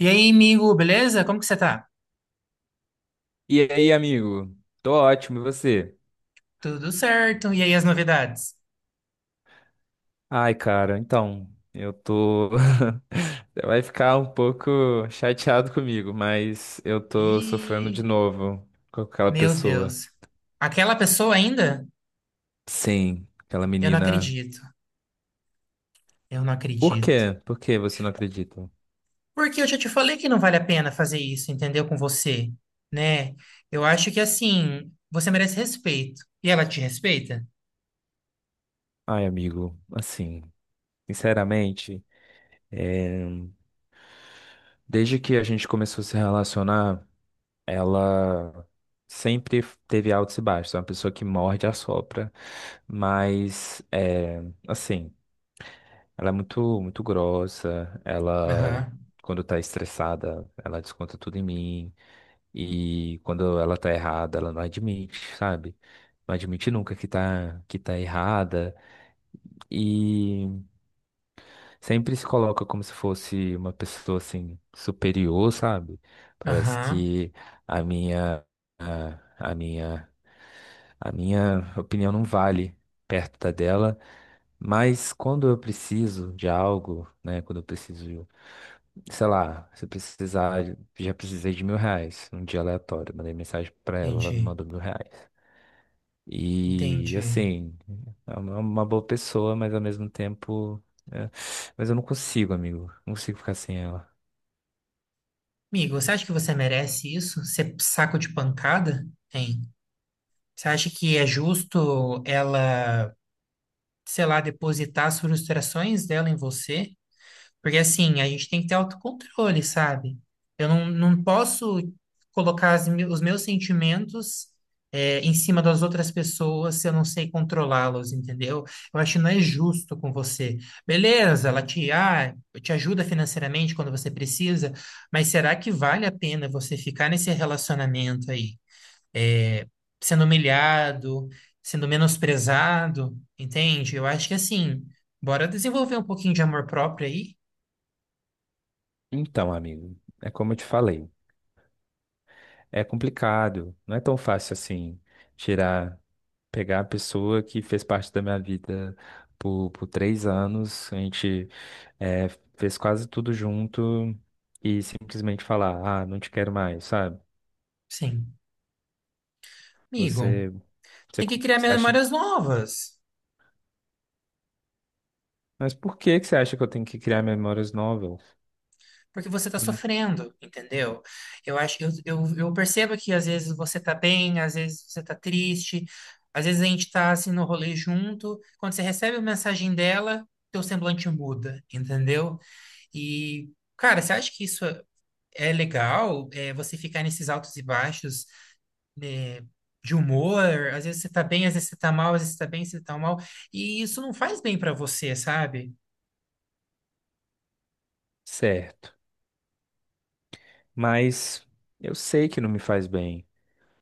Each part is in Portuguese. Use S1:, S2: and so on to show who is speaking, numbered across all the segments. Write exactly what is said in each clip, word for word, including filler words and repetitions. S1: E aí, amigo, beleza? Como que você tá?
S2: E aí, amigo? Tô ótimo, e você?
S1: Tudo certo. E aí, as novidades?
S2: Ai, cara, então, eu tô. Você vai ficar um pouco chateado comigo, mas eu tô sofrendo de
S1: Ih,
S2: novo com aquela
S1: meu
S2: pessoa.
S1: Deus. Aquela pessoa ainda?
S2: Sim, aquela
S1: Eu não
S2: menina.
S1: acredito. Eu não
S2: Por
S1: acredito.
S2: quê? Por que você não acredita?
S1: Porque eu já te falei que não vale a pena fazer isso, entendeu? Com você, né? Eu acho que assim, você merece respeito. E ela te respeita?
S2: Ai, amigo, assim, sinceramente, é, desde que a gente começou a se relacionar. Ela sempre teve altos e baixos, é uma pessoa que morde e assopra, mas é, assim, ela é muito, muito grossa, ela
S1: Aham,
S2: quando tá estressada, ela desconta tudo em mim, e quando ela tá errada, ela não admite, sabe? Não admite nunca que tá, que tá errada. E sempre se coloca como se fosse uma pessoa assim superior, sabe? Parece
S1: aham.
S2: que a minha a, a minha a minha opinião não vale perto da dela, mas quando eu preciso de algo, né, quando eu preciso, sei lá, se eu precisar, já precisei de mil reais, um dia aleatório, mandei mensagem pra ela, ela me
S1: Entendi,
S2: mandou mil reais. E
S1: entendi.
S2: assim, é uma uma boa pessoa, mas ao mesmo tempo. É, mas eu não consigo, amigo. Não consigo ficar sem ela.
S1: Amigo, você acha que você merece isso? Ser saco de pancada? Hein? Você acha que é justo ela sei lá, depositar as frustrações dela em você, porque assim, a gente tem que ter autocontrole, sabe? Eu não, não posso colocar as me- os meus sentimentos é, em cima das outras pessoas se eu não sei controlá-los, entendeu? Eu acho que não é justo com você. Beleza, ela te, ah, te ajuda financeiramente quando você precisa, mas será que vale a pena você ficar nesse relacionamento aí? é, Sendo humilhado, sendo menosprezado, entende? Eu acho que assim, bora desenvolver um pouquinho de amor próprio aí?
S2: Então, amigo, é como eu te falei. É complicado. Não é tão fácil assim tirar, pegar a pessoa que fez parte da minha vida por, por três anos. A gente é, fez quase tudo junto e simplesmente falar, ah, não te quero mais, sabe?
S1: Sim. Amigo,
S2: Você, você,
S1: tem que criar
S2: você acha.
S1: memórias novas.
S2: Mas por que que você acha que eu tenho que criar memórias novas?
S1: Porque você está
S2: Hum,
S1: sofrendo, entendeu? Eu acho, eu, eu, eu percebo que às vezes você tá bem, às vezes você tá triste, às vezes a gente tá assim no rolê junto. Quando você recebe a mensagem dela, teu semblante muda, entendeu? E, cara, você acha que isso. é é legal é, você ficar nesses altos e baixos né, de humor. Às vezes você tá bem, às vezes você tá mal, às vezes você tá bem, às vezes você tá mal. E isso não faz bem pra você, sabe?
S2: Certo. Mas eu sei que não me faz bem.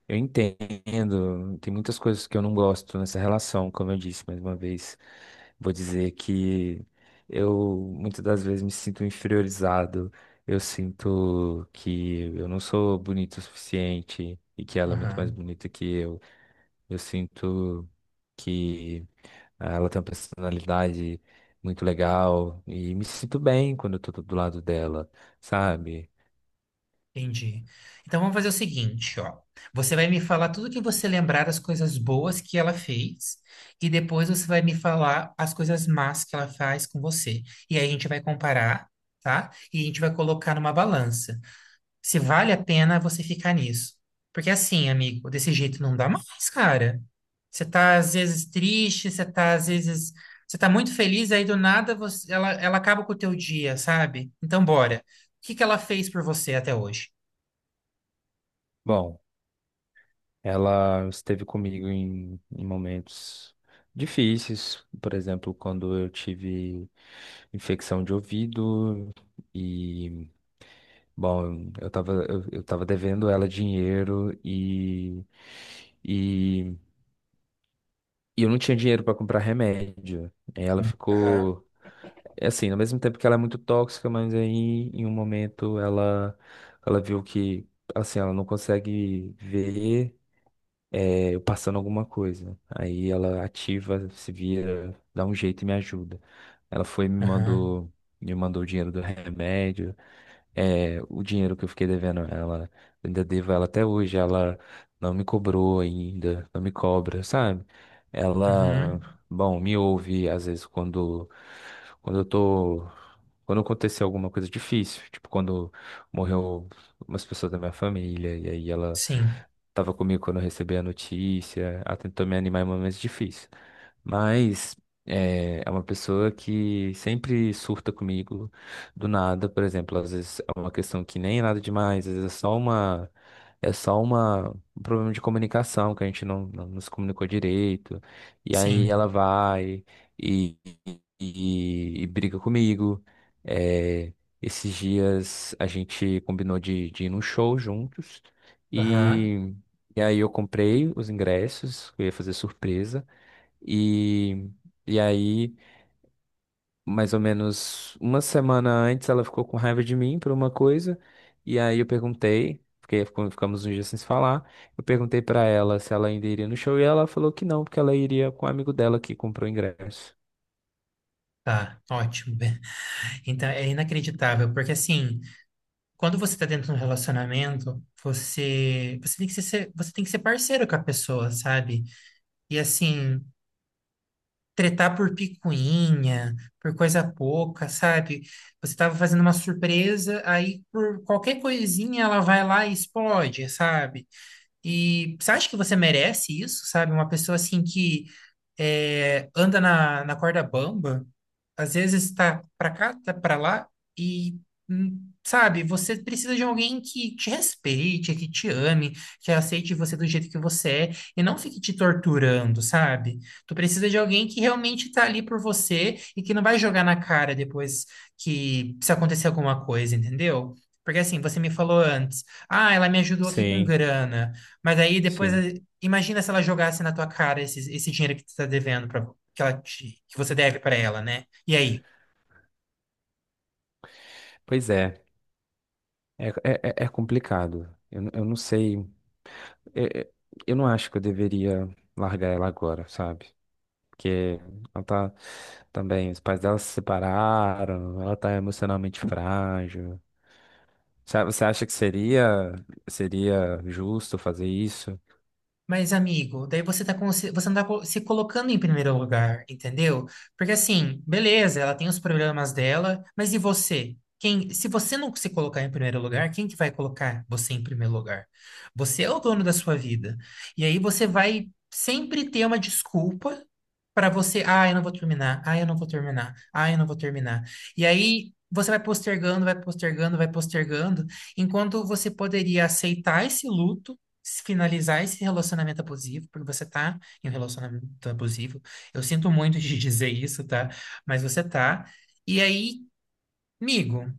S2: Eu entendo. Tem muitas coisas que eu não gosto nessa relação, como eu disse mais uma vez. Vou dizer que eu muitas das vezes me sinto inferiorizado. Eu sinto que eu não sou bonito o suficiente e que ela é muito
S1: Aham,
S2: mais bonita que eu. Eu sinto que ela tem uma personalidade muito legal e me sinto bem quando eu tô do lado dela, sabe?
S1: entendi. Então vamos fazer o seguinte, ó. Você vai me falar tudo que você lembrar das coisas boas que ela fez, e depois você vai me falar as coisas más que ela faz com você. E aí a gente vai comparar, tá? E a gente vai colocar numa balança, se vale a pena você ficar nisso. Porque assim, amigo, desse jeito não dá mais, cara. Você tá às vezes triste, você tá às vezes, você tá muito feliz, aí do nada você, ela, ela acaba com o teu dia, sabe? Então bora. O que que ela fez por você até hoje?
S2: Bom, ela esteve comigo em, em momentos difíceis, por exemplo, quando eu tive infecção de ouvido e, bom, eu tava, eu, eu tava devendo ela dinheiro e, e, e eu não tinha dinheiro para comprar remédio. Aí ela
S1: Aham.
S2: ficou, é assim, ao mesmo tempo que ela é muito tóxica, mas aí em um momento ela, ela viu que, assim, ela não consegue ver, é, eu passando alguma coisa. Aí ela ativa, se vira, dá um jeito e me ajuda. Ela foi e me
S1: Aham.
S2: mandou, me mandou o dinheiro do remédio. É, o dinheiro que eu fiquei devendo a ela, eu ainda devo a ela até hoje. Ela não me cobrou ainda, não me cobra, sabe? Ela,
S1: Uhum.
S2: bom, me ouve às vezes quando, quando eu tô, quando aconteceu alguma coisa difícil, tipo quando morreu umas pessoas da minha família, e aí ela
S1: Sim.
S2: tava comigo quando eu recebi a notícia, ela tentou me animar em momentos difíceis. Mas é, é uma pessoa que sempre surta comigo, do nada, por exemplo, às vezes é uma questão que nem é nada demais, às vezes é só uma é só uma um problema de comunicação que a gente não, não nos comunicou direito. E aí
S1: Sim.
S2: ela vai e, e, e briga comigo. É, esses dias a gente combinou de, de ir num show juntos
S1: Aham.
S2: e, e aí eu comprei os ingressos, eu ia fazer surpresa e E aí, mais ou menos uma semana antes, ela ficou com raiva de mim por uma coisa, e aí eu perguntei, porque ficou- ficamos uns dias sem se falar, eu perguntei pra ela se ela ainda iria no show, e ela falou que não, porque ela iria com um amigo dela que comprou ingresso.
S1: Tá. Ótimo. Então é inacreditável, porque assim, quando você tá dentro de um relacionamento, você, você tem que ser, você tem que ser parceiro com a pessoa, sabe? E assim, tretar por picuinha, por coisa pouca, sabe? Você tava fazendo uma surpresa, aí por qualquer coisinha ela vai lá e explode, sabe? E você acha que você merece isso, sabe? Uma pessoa assim que eh, anda na, na corda bamba, às vezes está para cá, tá para lá e hum, sabe, você precisa de alguém que te respeite, que te ame, que aceite você do jeito que você é e não fique te torturando, sabe? Tu precisa de alguém que realmente tá ali por você e que não vai jogar na cara depois que se acontecer alguma coisa, entendeu? Porque assim, você me falou antes, ah, ela me ajudou aqui com
S2: Sim,
S1: grana, mas aí depois
S2: sim.
S1: eh, imagina se ela jogasse na tua cara esse, esse dinheiro que tu tá devendo para que ela te- que você deve para ela, né? E aí?
S2: Pois é, é, é, é- é complicado. Eu, n- eu não sei, é- é- eu não acho que eu deveria largar ela agora, sabe? Porque ela tá também, os pais dela se separaram, ela tá emocionalmente frágil. Sa- Você acha que seria seria justo fazer isso?
S1: Mas, amigo, daí você tá com- você não tá co- se colocando em primeiro lugar, entendeu? Porque assim, beleza, ela tem os problemas dela, mas e você? Quem, se você não se colocar em primeiro lugar, quem que vai colocar você em primeiro lugar? Você é o dono da sua vida. E aí você vai sempre ter uma desculpa para você, ah, eu não vou terminar, ah, eu não vou terminar, ah, eu não vou terminar. E aí você vai postergando, vai postergando, vai postergando, enquanto você poderia aceitar esse luto se finalizar esse relacionamento abusivo, porque você tá em um relacionamento abusivo. Eu sinto muito de dizer isso, tá? Mas você tá. E aí, amigo,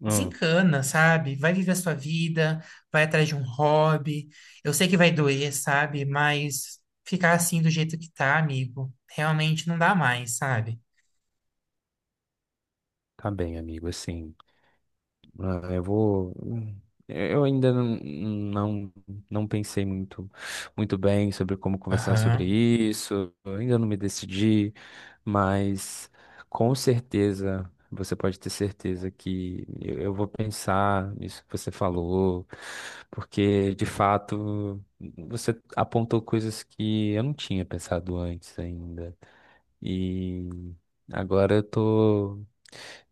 S2: Hum,
S1: desencana, sabe? Vai viver a sua vida, vai atrás de um hobby. Eu sei que vai doer, sabe? Mas ficar assim do jeito que tá, amigo, realmente não dá mais, sabe?
S2: tá bem, amigo, assim. Ah, eu vou. Eu ainda não, não, não pensei muito, muito bem sobre como conversar sobre
S1: Aham,
S2: isso. Eu ainda não me decidi, mas com certeza, você pode ter certeza que eu eu vou pensar nisso que você falou, porque de fato você apontou coisas que eu não tinha pensado antes ainda. E agora eu tô,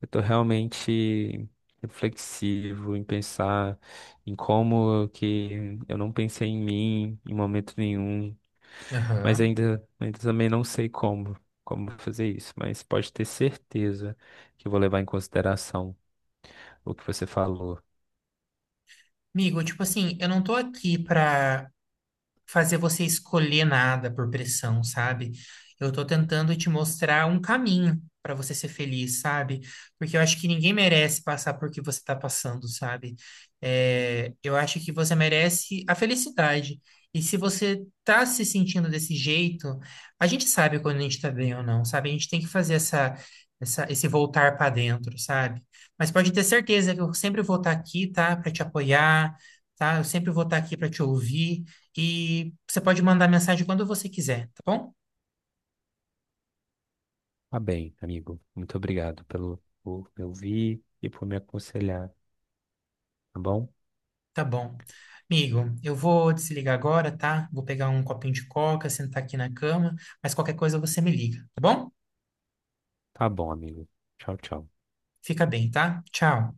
S2: eu tô realmente reflexivo em pensar em como que eu não pensei em mim em momento nenhum, mas
S1: aham.
S2: ainda, ainda também não sei como, como fazer isso, mas pode ter certeza que eu vou levar em consideração o que você falou.
S1: Amigo, tipo assim, eu não tô aqui pra fazer você escolher nada por pressão, sabe? Eu tô tentando te mostrar um caminho para você ser feliz, sabe? Porque eu acho que ninguém merece passar por que você tá passando, sabe? É, eu acho que você merece a felicidade. E se você tá se sentindo desse jeito, a gente sabe quando a gente tá bem ou não, sabe? A gente tem que fazer essa, essa, esse voltar para dentro, sabe? Mas pode ter certeza que eu sempre vou estar aqui, tá? Para te apoiar, tá? Eu sempre vou estar aqui para te ouvir. E você pode mandar mensagem quando você quiser, tá bom?
S2: Tá bem, amigo. Muito obrigado pelo por me ouvir e por me aconselhar, tá bom?
S1: Tá bom. Amigo, eu vou desligar agora, tá? Vou pegar um copinho de coca, sentar aqui na cama, mas qualquer coisa você me liga, tá bom?
S2: Tá bom, amigo. Tchau, tchau.
S1: Fica bem, tá? Tchau.